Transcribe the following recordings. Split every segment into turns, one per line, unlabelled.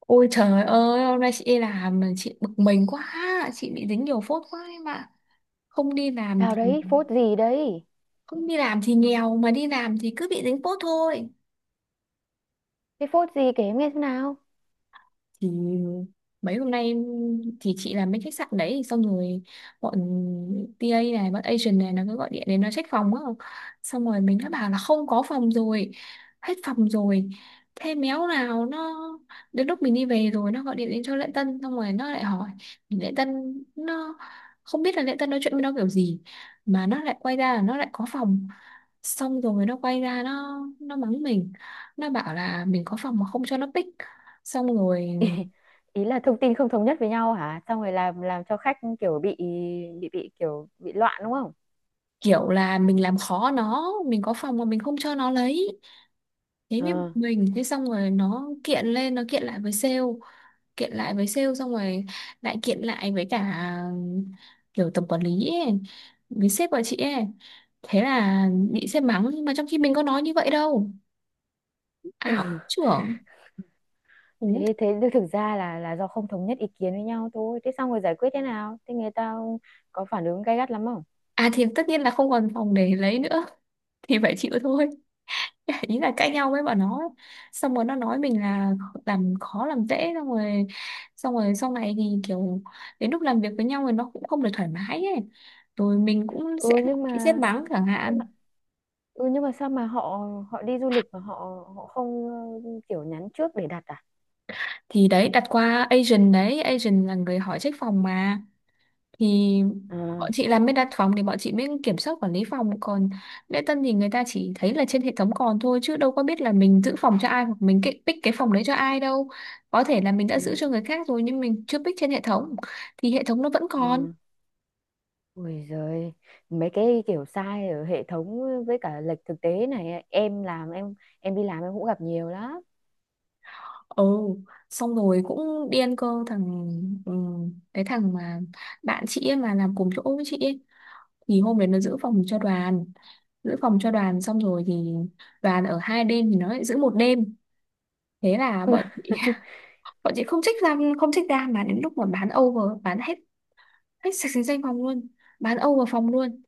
Ôi trời ơi, hôm nay chị đi làm mà chị bực mình quá, chị bị dính nhiều phốt quá em ạ. Không đi làm
Sao
thì
đấy, phốt gì đấy?
không đi làm thì nghèo mà đi làm thì cứ bị dính phốt thôi.
Cái phốt gì kể em nghe xem nào.
Thì mấy hôm nay em- thì chị làm bên khách sạn đấy, xong rồi bọn TA này, bọn agent này nó cứ gọi điện đến, nó check phòng á. Xong rồi mình đã bảo là không có phòng rồi, hết phòng rồi. Thế méo nào nó, đến lúc mình đi về rồi nó gọi điện đến cho lễ tân, xong rồi nó lại hỏi lễ tân. Nó không biết là lễ tân nói chuyện với nó kiểu gì mà nó lại quay ra là nó lại có phòng. Xong rồi nó quay ra nó mắng mình. Nó bảo là mình có phòng mà không cho nó pick. Xong rồi
Ý, ý là thông tin không thống nhất với nhau hả? Xong rồi làm cho khách kiểu bị loạn đúng không?
kiểu là mình làm khó nó, mình có phòng mà mình không cho nó lấy. Thế mới bực
Ờ.
mình. Thế xong rồi nó kiện lên, nó kiện lại với sale, xong rồi lại kiện lại với cả kiểu tổng quản lý ấy, với sếp của chị ấy. Thế là bị sếp mắng nhưng mà trong khi mình có nói như vậy đâu. Ảo trưởng. Ú.
Thế thế thực ra là do không thống nhất ý kiến với nhau thôi. Thế xong rồi giải quyết thế nào? Thế người ta có phản ứng gay gắt lắm không?
À thì tất nhiên là không còn phòng để lấy nữa, thì phải chịu thôi. Ý là cãi nhau với bọn nó ấy. Xong rồi nó nói mình là làm khó làm dễ. Xong rồi sau này thì kiểu đến lúc làm việc với nhau thì nó cũng không được thoải mái ấy, rồi mình cũng
Ừ
sẽ bị sét mắng chẳng
nhưng mà
hạn.
ừ nhưng mà sao mà họ họ đi du lịch mà họ họ không kiểu nhắn trước để đặt à?
Thì đấy, đặt qua agent đấy, agent là người hỏi trách phòng mà. Thì bọn
À.
chị làm bên đặt phòng thì bọn chị mới kiểm soát quản lý phòng, còn lễ tân thì người ta chỉ thấy là trên hệ thống còn thôi, chứ đâu có biết là mình giữ phòng cho ai hoặc mình pick cái phòng đấy cho ai đâu. Có thể là mình đã giữ
Ừ.
cho người khác rồi nhưng mình chưa pick trên hệ thống, thì hệ thống nó vẫn còn.
Ừ. Ôi giời, mấy cái kiểu sai ở hệ thống với cả lệch thực tế này ấy, em làm em đi làm em cũng gặp nhiều lắm.
Ồ, xong rồi cũng điên cơ thằng, cái thằng mà bạn chị ấy mà làm cùng chỗ với chị ấy thì hôm đấy nó giữ phòng cho đoàn. Xong rồi thì đoàn ở 2 đêm thì nó lại giữ 1 đêm. Thế là bọn chị bọn chị không check ra, mà đến lúc mà bán over, bán hết, hết sạch sành sanh phòng luôn, bán over phòng luôn.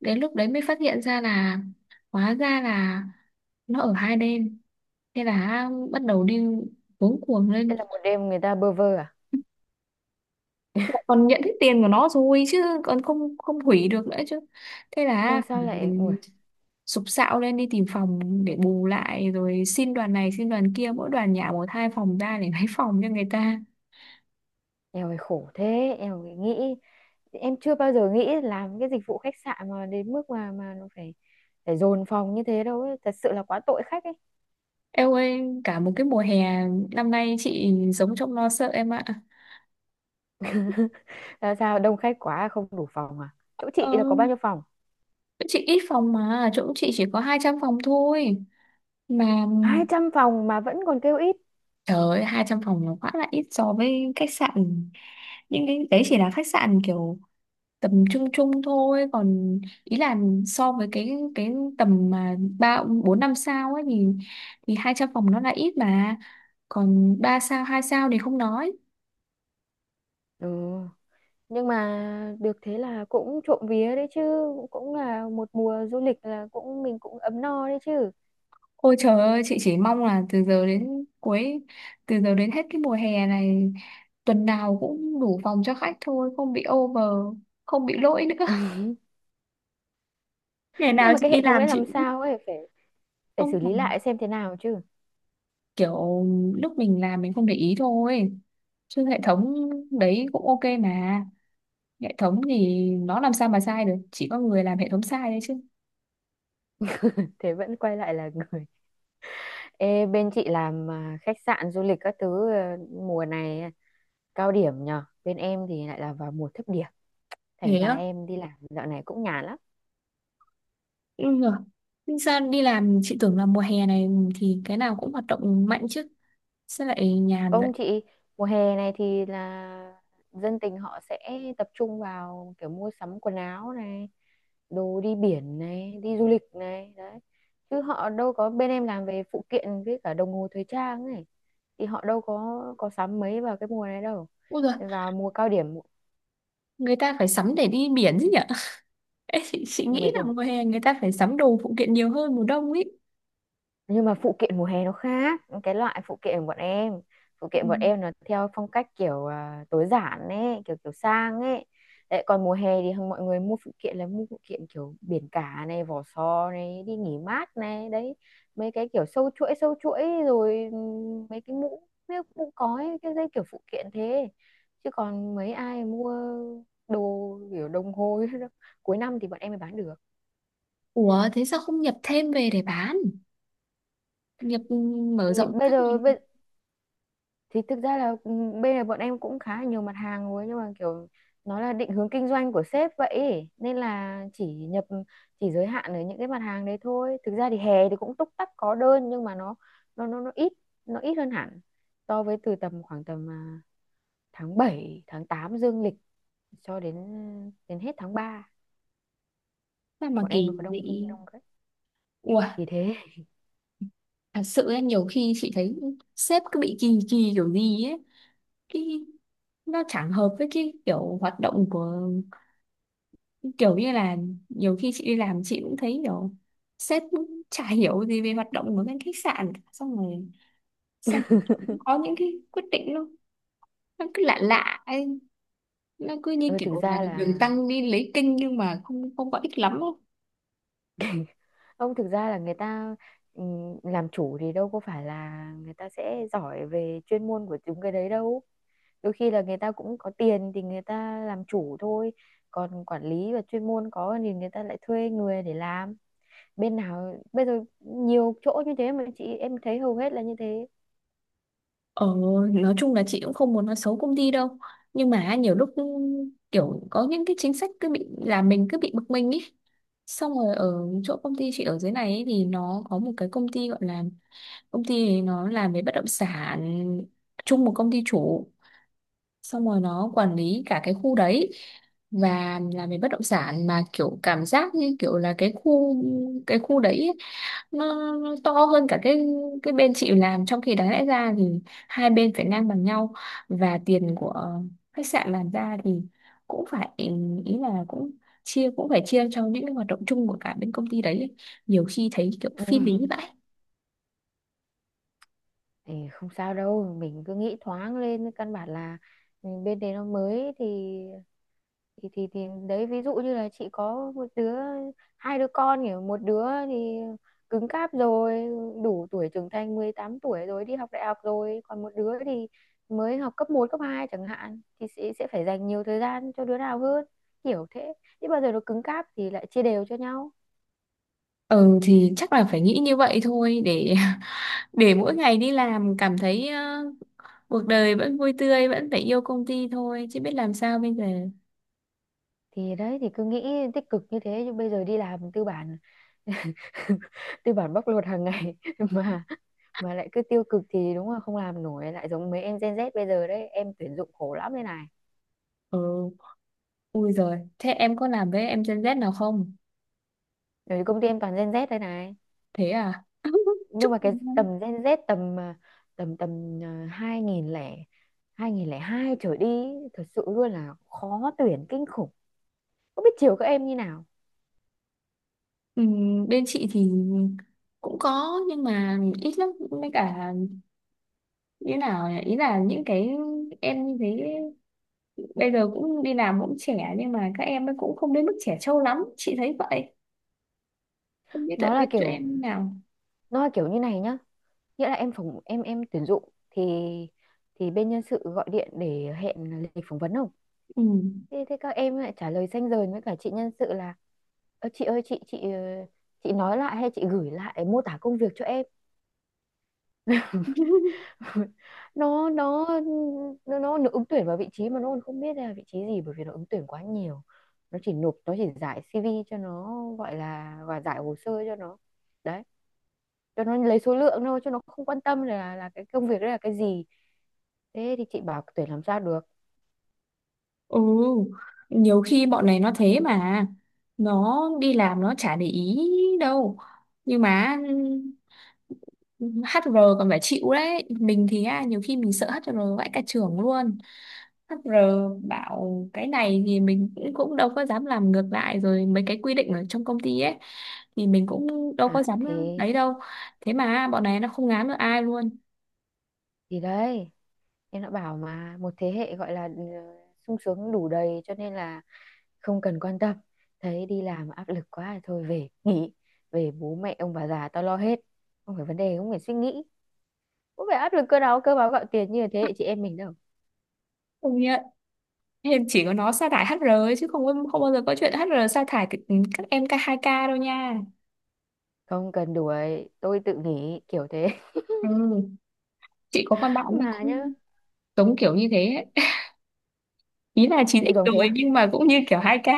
Đến lúc đấy mới phát hiện ra là hóa ra là nó ở 2 đêm. Thế là bắt đầu đi cuống cuồng
Thế
lên.
là một đêm người ta bơ vơ à?
Lại còn nhận hết tiền của nó rồi chứ còn không không hủy được nữa chứ. Thế là
Ôi sao
phải
lại ui,
sụp sạo lên đi tìm phòng để bù lại, rồi xin đoàn này xin đoàn kia, mỗi đoàn nhả một hai phòng ra để lấy phòng cho người ta.
em ơi khổ thế, em phải nghĩ em chưa bao giờ nghĩ làm cái dịch vụ khách sạn mà đến mức mà nó phải phải dồn phòng như thế đâu ấy, thật sự là quá tội khách ấy.
Em ơi, cả một cái mùa hè năm nay chị sống trong lo sợ em ạ.
Là sao đông khách quá không đủ phòng à? Chỗ chị
Ờ,
là có bao nhiêu phòng?
chỗ chị ít phòng mà, chỗ chị chỉ có 200 phòng thôi. Mà
200 phòng mà vẫn còn kêu ít.
trời ơi, 200 phòng nó quá là ít so với khách sạn. Những cái đấy chỉ là khách sạn kiểu tầm trung trung thôi. Còn ý là so với cái tầm mà 3 4 5 sao ấy thì, 200 phòng nó là ít mà. Còn 3 sao, 2 sao thì không nói.
Ừ, nhưng mà được thế là cũng trộm vía đấy chứ, cũng là một mùa du lịch là cũng mình cũng ấm no đấy chứ.
Ôi trời ơi, chị chỉ mong là từ giờ đến cuối, từ giờ đến hết cái mùa hè này, tuần nào cũng đủ phòng cho khách thôi, không bị over, không bị lỗi nữa. Ngày
Nhưng
nào
mà
chị
cái hệ
đi
thống
làm
đấy
chị
làm
cũng
sao ấy, phải phải
không
xử lý
làm.
lại xem thế nào chứ.
Kiểu lúc mình làm mình không để ý thôi. Chứ hệ thống đấy cũng ok mà. Hệ thống thì nó làm sao mà sai được, chỉ có người làm hệ thống sai đấy chứ.
Thế vẫn quay lại là người. Ê, bên chị làm à, khách sạn du lịch các thứ à, mùa này à, cao điểm nhờ, bên em thì lại là vào mùa thấp điểm,
Thế
thành ra
á?
em đi làm dạo này cũng nhàn lắm.
Ừ. Nhưng sao đi làm chị tưởng là mùa hè này thì cái nào cũng hoạt động mạnh chứ. Sao lại nhàn vậy?
Không chị, mùa hè này thì là dân tình họ sẽ tập trung vào kiểu mua sắm quần áo này, đồ đi biển này, đi du lịch này, đấy. Chứ họ đâu có, bên em làm về phụ kiện với cả đồng hồ thời trang này thì họ đâu có sắm mấy vào cái mùa này đâu.
Ui giời,
Vào mùa cao điểm
người ta phải sắm để đi biển chứ nhỉ. Ê, chị nghĩ
mấy
là
cái,
mùa hè người ta phải sắm đồ phụ kiện nhiều hơn mùa đông ấy.
nhưng mà phụ kiện mùa hè nó khác cái loại phụ kiện của bọn em, phụ
Ừ.
kiện bọn em nó theo phong cách kiểu tối giản ấy, kiểu kiểu sang ấy. Đấy, còn mùa hè thì mọi người mua phụ kiện là mua phụ kiện kiểu biển cả này, vỏ sò này, đi nghỉ mát này, đấy, mấy cái kiểu sâu chuỗi rồi mấy cái mũ cói, cái dây, kiểu phụ kiện thế, chứ còn mấy ai mua đồ kiểu đồng hồ. Cuối năm thì bọn em mới bán được.
Ủa thế sao không nhập thêm về để bán, nhập ừ, mở
Thì
rộng
bây
các
giờ
ngành.
thì thực ra là bên này bọn em cũng khá là nhiều mặt hàng rồi, nhưng mà kiểu nó là định hướng kinh doanh của sếp vậy ấy, nên là chỉ nhập, chỉ giới hạn ở những cái mặt hàng đấy thôi. Thực ra thì hè thì cũng túc tắc có đơn, nhưng mà nó nó, nó ít nó ít hơn hẳn so với từ tầm, khoảng tầm tháng 7 tháng 8 dương lịch cho đến đến hết tháng 3
Sao mà
bọn em
kỳ
mới có đông,
dị.
đông đấy
Ủa,
thì thế.
thật sự ấy, nhiều khi chị thấy sếp cứ bị kỳ kỳ kiểu gì ấy, cái nó chẳng hợp với cái kiểu hoạt động của cái kiểu như là nhiều khi chị đi làm chị cũng thấy kiểu sếp cũng chả hiểu gì về hoạt động của bên khách sạn cả. xong rồi cũng có những cái quyết định nó cứ lạ lạ ấy. Nó cứ như
Ừ, thực
kiểu là
ra
đường
là
tăng đi lấy kinh nhưng mà không không có ích lắm đâu.
không, thực ra là người ta làm chủ thì đâu có phải là người ta sẽ giỏi về chuyên môn của chúng cái đấy đâu, đôi khi là người ta cũng có tiền thì người ta làm chủ thôi, còn quản lý và chuyên môn có thì người ta lại thuê người để làm. Bên nào bây giờ nhiều chỗ như thế, mà chị em thấy hầu hết là như thế.
Ờ, nói chung là chị cũng không muốn nói xấu công ty đâu, nhưng mà nhiều lúc kiểu có những cái chính sách cứ bị làm mình cứ bị bực mình ý. Xong rồi ở chỗ công ty chị ở dưới này ấy, thì nó có một cái công ty gọi là, công ty ấy nó làm về bất động sản, chung một công ty chủ. Xong rồi nó quản lý cả cái khu đấy và làm về bất động sản, mà kiểu cảm giác như kiểu là cái khu đấy ấy, nó to hơn cả cái bên chị làm, trong khi đáng lẽ ra thì hai bên phải ngang bằng nhau. Và tiền của khách sạn làm ra thì cũng phải, ý là cũng chia cũng phải chia cho những cái hoạt động chung của cả bên công ty đấy ấy. Nhiều khi thấy kiểu phi lý vậy.
Thì không sao đâu, mình cứ nghĩ thoáng lên, căn bản là ừ, bên đấy nó mới, thì đấy ví dụ như là chị có một đứa, hai đứa con, kiểu một đứa thì cứng cáp rồi, đủ tuổi trưởng thành, 18 tuổi rồi đi học đại học rồi, còn một đứa thì mới học cấp một cấp 2 chẳng hạn, thì sẽ phải dành nhiều thời gian cho đứa nào hơn, kiểu thế, chứ bao giờ nó cứng cáp thì lại chia đều cho nhau.
Ừ thì chắc là phải nghĩ như vậy thôi, để để mỗi ngày đi làm cảm thấy cuộc đời vẫn vui tươi, vẫn phải yêu công ty thôi chứ biết làm sao bây giờ.
Thì đấy, thì cứ nghĩ tích cực như thế chứ bây giờ đi làm tư bản, tư bản bóc lột hàng ngày mà mà lại cứ tiêu cực thì đúng là không làm nổi, lại giống mấy em Gen Z bây giờ đấy, em tuyển dụng khổ lắm đây này.
Ừ, ui rồi, thế em có làm với em Gen Z nào không?
Ở công ty em toàn Gen Z đây này,
Thế à?
nhưng
Chúc.
mà cái tầm Gen Z tầm à, tầm tầm à, hai nghìn lẻ hai trở đi, ý, thật sự luôn là khó tuyển kinh khủng, không biết chiều các em như nào.
Bên chị thì cũng có nhưng mà ít lắm, với cả như nào nhỉ? Ý là những cái em như thế bây giờ cũng đi làm cũng trẻ, nhưng mà các em ấy cũng không đến mức trẻ trâu lắm, chị thấy vậy. Không biết tại
Nó
biết
là
cho
kiểu,
em như nào.
nó là kiểu như này nhá, nghĩa là em phỏng em tuyển dụng thì bên nhân sự gọi điện để hẹn lịch phỏng vấn không.
Ừ.
Thế các em lại trả lời ranh rời với cả chị nhân sự là: "Ơ, chị ơi, chị nói lại hay chị gửi lại mô tả công việc cho em." nó nó nó ứng tuyển vào vị trí mà nó còn không biết đây là vị trí gì, bởi vì nó ứng tuyển quá nhiều, nó chỉ nộp, nó chỉ giải CV cho nó, gọi là và giải hồ sơ cho nó, đấy, cho nó lấy số lượng thôi, cho nó không quan tâm là cái công việc đấy là cái gì, thế thì chị bảo tuyển làm sao được.
Ừ, nhiều khi bọn này nó thế mà nó đi làm nó chả để ý đâu. Nhưng mà HR còn phải chịu đấy, mình thì á, nhiều khi mình sợ HR vãi cả trưởng luôn. HR bảo cái này thì mình cũng cũng đâu có dám làm ngược lại, rồi mấy cái quy định ở trong công ty ấy thì mình cũng đâu
À
có dám
thì
đấy đâu. Thế mà bọn này nó không ngán được ai luôn.
thì đấy em đã bảo mà, một thế hệ gọi là ừ, sung sướng đủ đầy cho nên là không cần quan tâm, thấy đi làm áp lực quá thôi về nghỉ, về bố mẹ ông bà già tao lo hết, không phải vấn đề, không phải suy nghĩ, không phải áp lực cơ áo cơ báo gạo tiền như thế hệ chị em mình đâu.
Công nhận. Em chỉ có nó sa thải HR ấy, chứ không không bao giờ có chuyện HR sa thải các em 2K đâu nha.
Không cần đuổi tôi tự nghỉ kiểu thế.
Ừ, chị có con bạn ấy
Mà nhá,
cũng giống kiểu như thế ấy. Ý là
cũng
9x
giống thế
rồi
à.
nhưng mà cũng như kiểu 2K ấy.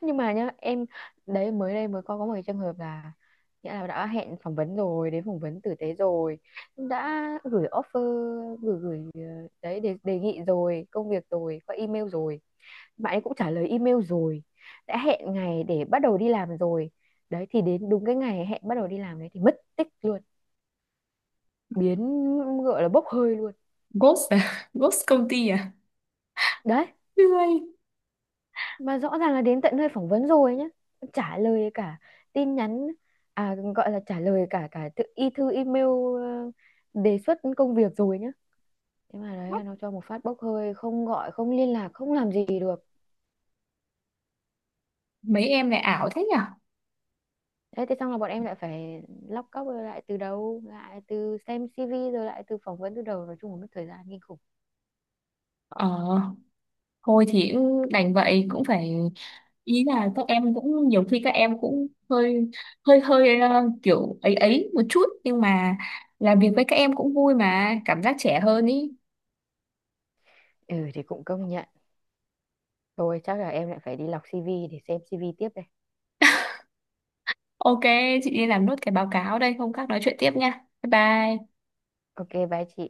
Nhưng mà nhá em, đấy mới đây mới có một cái trường hợp là, nghĩa là đã hẹn phỏng vấn rồi, đến phỏng vấn tử tế rồi, đã gửi offer gửi gửi ờ, đấy đề nghị rồi công việc rồi qua email rồi, bạn ấy cũng trả lời email rồi, đã hẹn ngày để bắt đầu đi làm rồi. Đấy thì đến đúng cái ngày hẹn bắt đầu đi làm đấy thì mất tích luôn, biến, gọi là bốc hơi luôn
Ghost à? Ghost công ty à?
đấy.
Ui,
Mà rõ ràng là đến tận nơi phỏng vấn rồi nhá, trả lời cả tin nhắn, à gọi là trả lời cả cả tự y thư email, ờ, đề xuất công việc rồi nhá. Thế mà đấy, nó cho một phát bốc hơi, không gọi, không liên lạc, không làm gì được.
mấy em lại ảo thế nhỉ?
Thế thì xong là bọn em lại phải lóc cóc rồi lại từ đầu, lại từ xem CV rồi lại từ phỏng vấn từ đầu, nói chung là mất thời gian kinh khủng.
Ờ, thôi thì cũng đành vậy cũng phải, ý là các em cũng nhiều khi các em cũng hơi hơi hơi kiểu ấy ấy một chút, nhưng mà làm việc với các em cũng vui mà cảm giác trẻ hơn ý.
Ừ thì cũng công nhận. Thôi chắc là em lại phải đi lọc CV để xem CV tiếp đây.
Ok, chị đi làm nốt cái báo cáo đây, hôm khác nói chuyện tiếp nha. Bye bye.
Ok, bye chị.